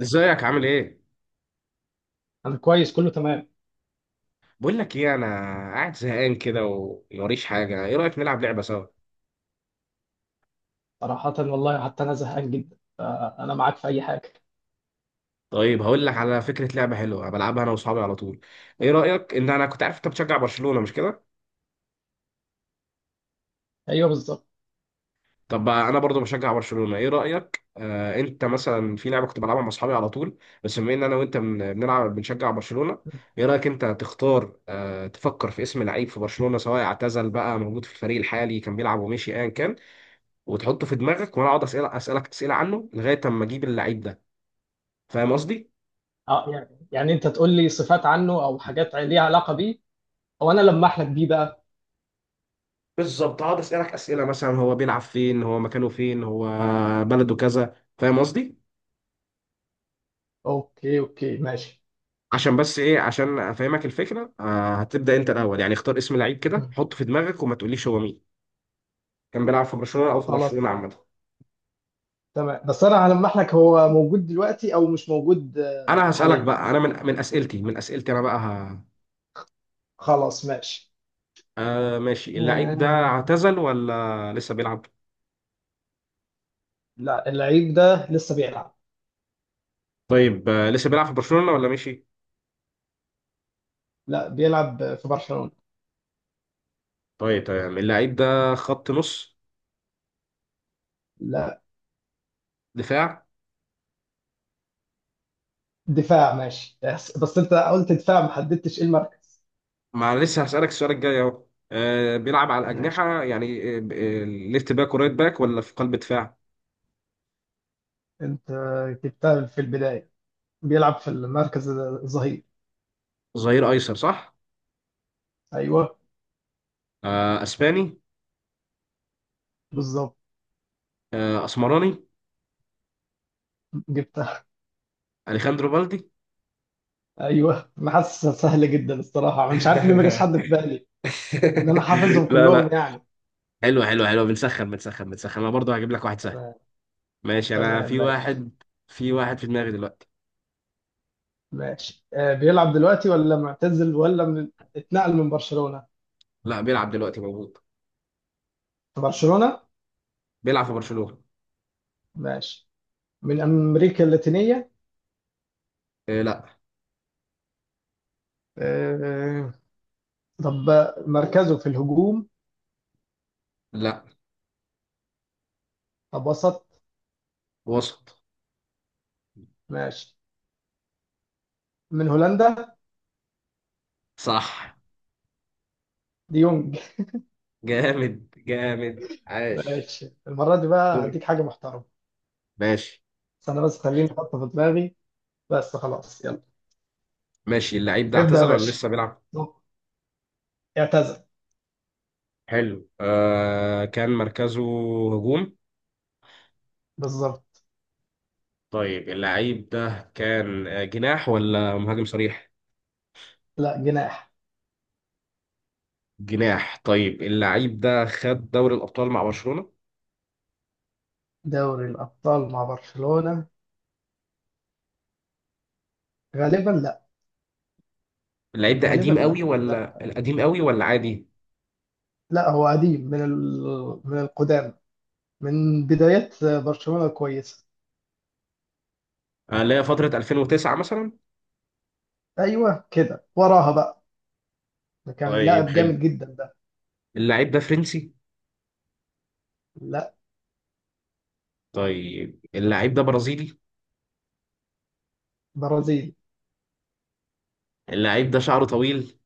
ازيك عامل ايه؟ انا كويس، كله تمام. بقول لك ايه، انا قاعد زهقان كده وموريش حاجه. ايه رايك نلعب لعبه سوا؟ صراحة والله حتى انا زهقان جدا، فانا معاك في اي حاجة. طيب، هقول لك على فكره لعبه حلوه بلعبها انا واصحابي على طول. ايه رايك ان انا كنت عارف انت بتشجع برشلونه مش كده؟ ايوه، بالظبط. طب بقى انا برضو بشجع برشلونه. ايه رايك انت مثلا في لعبه كنت بلعبها مع اصحابي على طول. بس بما ان انا وانت بنلعب بنشجع برشلونه. ايه رايك انت تختار، تفكر في اسم لعيب في برشلونه، سواء اعتزل بقى موجود في الفريق الحالي كان بيلعب ومشي ايا كان، وتحطه في دماغك وانا اقعد اسالك اسئله عنه لغايه اما اجيب اللعيب ده. فاهم قصدي؟ اه، يعني انت تقول لي صفات عنه او حاجات ليها علاقة بيه، او انا لمح لك بيه بقى. بالظبط، هقعد اسالك اسئله مثلا هو بيلعب فين، هو مكانه فين، هو بلده كذا. فاهم قصدي؟ اوكي، اوكي، ماشي. عشان بس ايه، عشان افهمك الفكره. هتبدا انت الاول، يعني اختار اسم لعيب كده حطه في دماغك وما تقوليش هو مين، كان بيلعب في برشلونه او في خلاص. برشلونه عامه. تمام، بس انا هلمح لك هو موجود دلوقتي او مش موجود، انا هسالك حاليا. بقى، انا من اسئلتي انا بقى خلاص، ماشي. ماشي. اللعيب ده آه، اعتزل ولا لسه بيلعب؟ لا، اللعيب ده لسه بيلعب. طيب، لسه بيلعب في برشلونه ولا مشي؟ لا، بيلعب في برشلونة. طيب تمام، اللعيب ده خط نص، لا. دفاع. دفاع، ماشي، بس انت قلت دفاع، ما حددتش ايه المركز. ما انا لسه هسألك السؤال الجاي اهو. بيلعب على ماشي. الأجنحة يعني، ليفت باك ورايت باك ولا في قلب دفاع؟ انت جبتها في البداية. بيلعب في المركز الظهير. ظهير أيسر، صح. ايوه. أسباني. بالظبط. أسمراني. جبتها. أليخاندرو بالدي. ايوه، انا حاسس سهل جدا الصراحة، انا مش عارف ليه ما جاش حد في بالي، ان انا حافظهم لا، كلهم لا. يعني. حلو حلو حلو، بنسخن بنسخن بنسخن. انا برضه هجيب لك واحد سهل. تمام. ماشي، انا تمام، ماشي. في واحد في دماغي دلوقتي. ماشي. بيلعب دلوقتي ولا معتزل، ولا اتنقل من برشلونة؟ لا، بيلعب دلوقتي، موجود. في برشلونة؟ بيلعب في برشلونة. ماشي. من امريكا اللاتينية؟ إيه، لا. آه. طب، مركزه في الهجوم؟ لا، طب، وسط؟ وسط. ماشي. من هولندا؟ صح. ديونج؟ جامد جامد، عاش. ماشي، المرة دي بقى دور. هديك حاجة محترمة. ماشي. بس أنا، بس خليني أحطها في دماغي. بس خلاص، يلا. ماشي، اللعيب ده ابدأ يا اعتزل ولا باشا. لسه بيلعب؟ اعتزل. حلو، كان مركزه هجوم. بالظبط. طيب، اللعيب ده كان جناح ولا مهاجم صريح؟ لا، جناح. جناح. طيب، اللعيب ده خد دوري الأبطال مع برشلونة؟ دوري الأبطال مع برشلونة؟ غالبا لا. اللعيب ده غالبا قديم لا، قوي ولا لا. عادي؟ لا، هو قديم من من القدام، من بدايات برشلونة الكويسة. لا، فترة 2009 مثلا. أيوه، كده وراها بقى. ده كان طيب لاعب جامد حلو، جدا ده. اللعيب ده فرنسي؟ لا. طيب، اللعيب ده برازيلي؟ برازيلي. اللعيب ده شعره طويل؟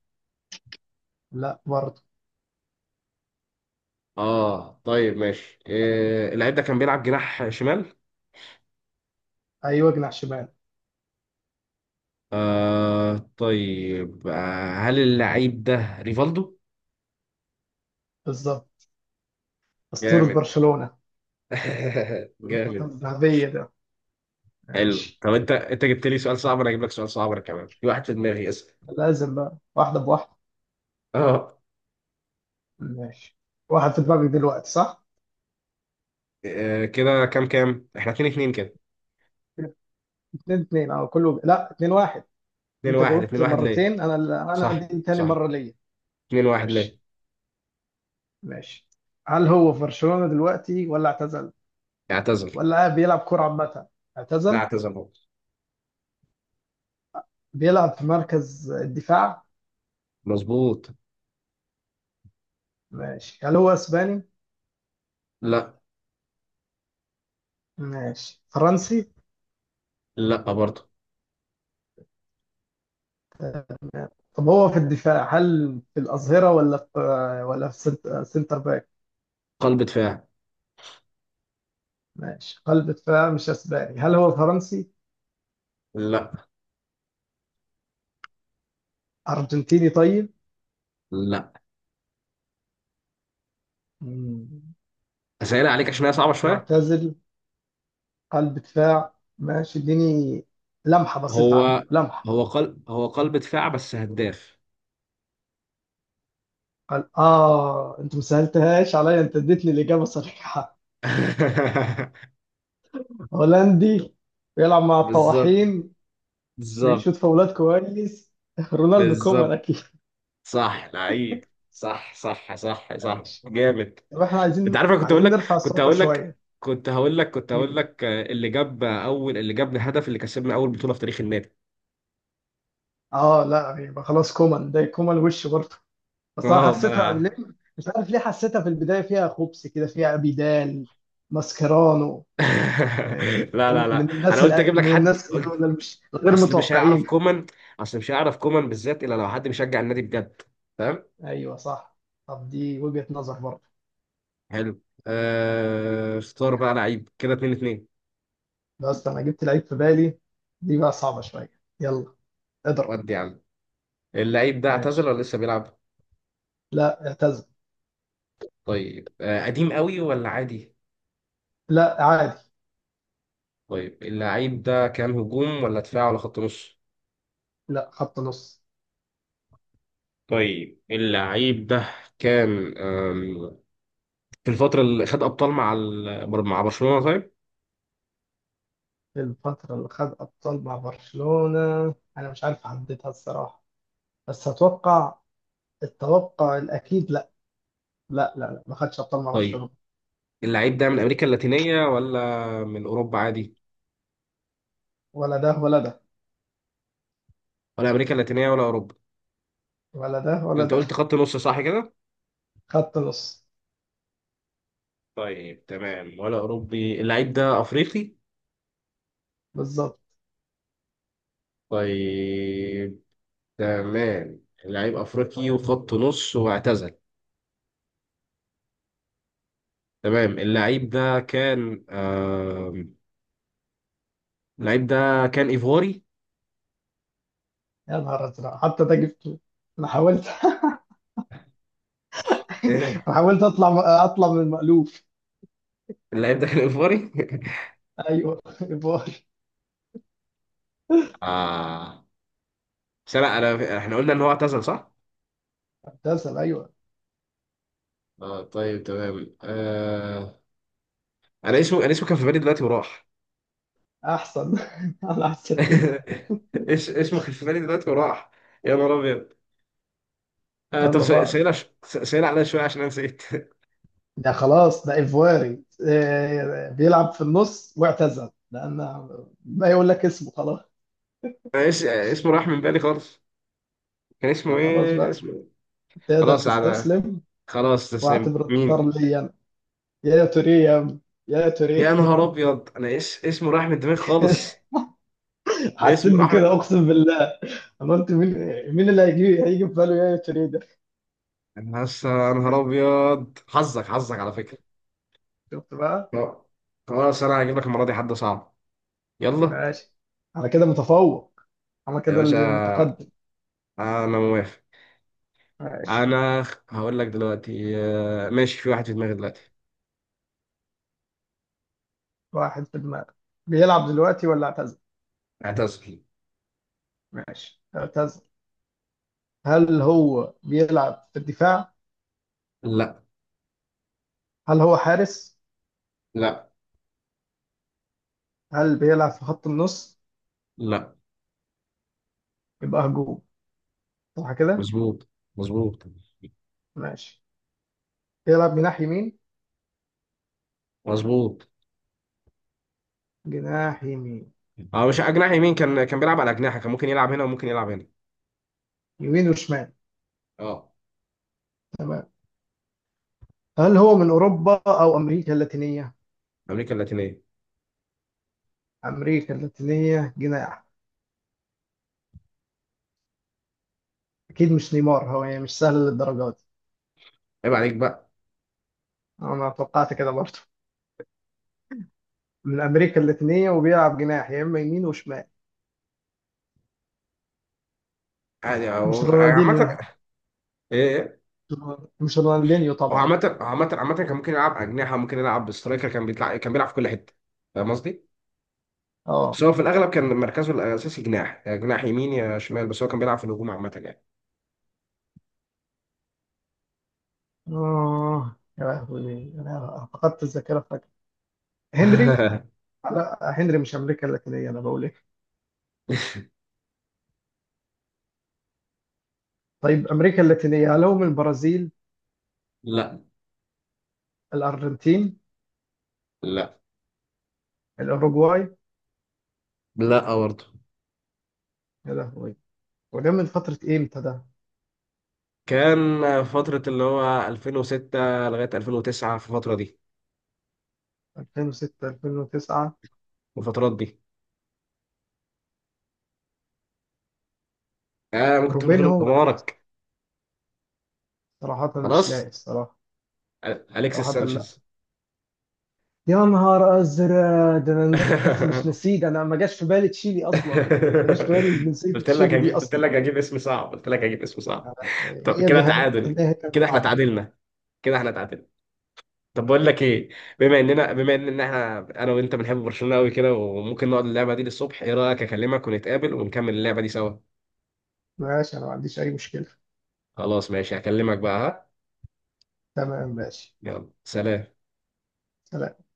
لا برضه. اه طيب ماشي. اللعيب ده كان بيلعب جناح شمال. أيوه، جناح شمال. طيب، هل اللعيب ده ريفالدو؟ بالظبط. أسطورة جامد. برشلونة. الفترة جامد. الذهبية ده. حلو. ماشي. طب انت جبت لي سؤال صعب، انا هجيب لك سؤال صعب. أنا كمان في واحد في دماغي، اسال. لازم بقى واحدة بواحدة. اه، ماشي. واحد في دماغك دلوقتي صح؟ كده كام كام؟ احنا 2-2 كده. اتنين اتنين، اه كله. لا، اتنين واحد. 2 انت 1 جاوبت 2-1 ليه؟ مرتين انا. انا صح دي تاني صح. مرة ليا. 2-1 ليه؟ ماشي. ماشي. هل هو في برشلونة دلوقتي ولا اعتزل؟ اعتزل. ولا بيلعب كرة عامة؟ لا، اعتزل؟ اعتزل هو. بيلعب في مركز الدفاع؟ مظبوط. ماشي، هل هو اسباني؟ لا، ماشي، فرنسي؟ لا برضه. طب هو في الدفاع، هل في الأظهرة، ولا في سنتر باك؟ قلب دفاع. ماشي، قلب دفاع، مش اسباني، هل هو فرنسي؟ لا. ارجنتيني طيب؟ لا. مم. اسئله عليك عشان هي صعبه شويه. معتزل. قلب دفاع، ماشي، اديني لمحة بسيطة عنه، هو لمحة. هو قلب دفاع بس هداف. قال اه، انت ما سهلتهاش عليا، انت اديتني الإجابة صريحة. هولندي. بيلعب مع بالظبط الطواحين. بيشوط بالظبط. فاولات كويس. رونالدو كومان بالظبط. اكيد. صح، لعيب، صح صح صح صح، ماشي. جامد. طب احنا انت عايزين عارف، انا عايزين نرفع كنت الصعوبة هقول لك شوية. كنت هقول لك كنت هقول مين؟ لك اللي جاب الهدف اللي كسبنا اول بطولة في تاريخ النادي. اه، لا، يبقى خلاص كومان، ده كومان وش برضه. بس انا اه، ما حسيتها انا. ليه. مش عارف ليه حسيتها في البداية فيها خبص كده، فيها بيدال. ماسكيرانو. لا لا لا، انا قلت اجيب لك من حد الناس قلت. دول مش غير اصل مش هيعرف متوقعين. كومان اصل مش هيعرف كومان بالذات الا لو حد بيشجع النادي بجد. فاهم؟ ايوه، صح. طب دي وجهة نظر برضه. حلو. اختار بقى لعيب كده. 2-2. بس انا جبت لعيب في بالي. دي بقى صعبة شوية. يلا. اضرب. ودي يا عم. اللعيب ده اعتزل ماشي. ولا لسه بيلعب؟ لا، اعتزل. طيب، قديم قوي ولا عادي؟ لا، عادي. طيب، اللعيب ده كان هجوم ولا دفاع ولا خط نص؟ لا، خط نص. طيب اللعيب ده كان في الفترة اللي خد أبطال مع مع برشلونة؟ طيب، الفترة اللي خد أبطال مع برشلونة أنا مش عارف أحددها الصراحة، بس أتوقع. التوقع الأكيد لا. لا، لا، لا، ما خدش أبطال مع طيب برشلونة. اللعيب ده من أمريكا اللاتينية ولا من أوروبا عادي؟ ولا ده ولا ده. ولا أمريكا اللاتينية ولا أوروبا؟ ولا ده ولا أنت ده. قلت خط نص صح كده. خط نص. طيب تمام، ولا أوروبي. اللعيب ده أفريقي؟ بالظبط. طيب تمام، اللعيب أفريقي وخط نص واعتزل. تمام. اللعيب ده كان ايفواري. يا نهار ازرق، حتى ده جبته. انا حاولت. إيه؟ انا حاولت اطلع من المألوف. اللعيب ده كان ايفواري. ايوه، ايفار. آه بس لا، احنا قلنا ان هو اعتزل صح؟ ابتسم، ايوه. اه طيب تمام. انا اسمه كان في بالي دلوقتي وراح. احسن. انا احسن كده. ايش اسمه، كان في بالي دلوقتي وراح. يا نهار ابيض. طب يلا بقى. سهل، سهل عليا شويه عشان انا نسيت. ده خلاص، ده ايفواري إيه، بيلعب في النص واعتزل، لان ما يقول لك اسمه خلاص. أنا اسمه راح من بالي خالص. خلاص كان بقى، اسمه إيه؟ تقدر خلاص على. تستسلم. خلاص، تسلم واعتبره مين. انتصار ليا انا. يا توريه يا عم، يا يا توريه. نهار ابيض، انا اسمه راح من دماغي خالص. حسيت اسمه راح من. بكده اقسم بالله. انا قلت مين. مين اللي هيجي في باله يا توريه ده. انا لسه يا نهار ابيض، حظك حظك على فكره. شفت بقى. لا، خلاص انا هجيب لك المره دي حد صعب. يلا. ماشي. انا كده متفوق. انا يا كده اللي باشا، متقدم. انا موافق. ماشي. انا هقول لك دلوقتي. ماشي، في واحد في دماغي دلوقتي. واحد في دماغك. بيلعب دلوقتي ولا اعتزل؟ اعتزل. ماشي، اعتزل. هل هو بيلعب في الدفاع؟ لا. هل هو حارس؟ لا. هل بيلعب في خط النص؟ لا. يبقى هجوم، صح كده؟ مظبوط مظبوط. ماشي. بيلعب جناح يمين؟ مظبوط. جناح يمين؟ اه، مش جناح يمين، كان بيلعب على اجنحه، كان ممكن يلعب هنا وممكن يلعب هنا. يمين وشمال. اه. تمام. هل هو من اوروبا او امريكا اللاتينيه؟ امريكا اللاتينيه. امريكا اللاتينيه، جناح. اكيد مش نيمار هو، يعني مش سهل للدرجه دي. عيب عليك بقى. انا توقعت كده برضه. من امريكا اللاتينيه وبيلعب جناح، يا اما يمين وشمال. يعني مش عامه. رونالدينيو؟ ايه، إيه؟ مش رونالدينيو هو طبعا. عامة عامة عامة، كان ممكن يلعب أجنحة، ممكن يلعب سترايكر، كان بيطلع كان بيلعب في كل حتة. فاهم قصدي؟ بس اه. هو في الأغلب كان مركزه الأساسي جناح، يا جناح يمين يا شمال، بس هو كان بيلعب في الهجوم عامة يعني. اه، يا لهوي انا فقدت الذاكره فجاه. هنري. لا، هنري مش امريكا اللاتينيه، انا بقول ايه. طيب، امريكا اللاتينيه، هل هو من البرازيل؟ لا الارجنتين؟ لا، الاوروغواي؟ لا برضه. يا لهوي. وده من فتره امتى ده؟ كان فترة اللي هو 2006 لغاية 2009، في الفترة دي. 2006 2009؟ الفترات دي. ممكن تقول غلب روبينهو ولا حمارك. صراحه مش لاقي خلاص. الصراحه. أليكسيس صراحه. سانشيز. يا نهار ازرق، ده انا مش نسيت، انا ما جاش في بالي تشيلي اصلا. ما جاش في بالي جنسيه تشيلي دي قلت اصلا. لك هجيب اسم صعب، قلت لك هجيب اسم صعب. لا، طب هي كده النهاية، تعادل. النهاية كانت كده احنا صعبة. تعادلنا، كده احنا تعادلنا. طب بقول لك ايه، بما ان احنا، انا وانت بنحب برشلونة قوي كده وممكن نقعد اللعبة دي للصبح. ايه رأيك اكلمك ونتقابل ونكمل اللعبة دي سوا؟ ماشي، أنا ما عنديش أي مشكلة. خلاص ماشي، هكلمك بقى. ها، تمام، ماشي. يلا سلام. سلام.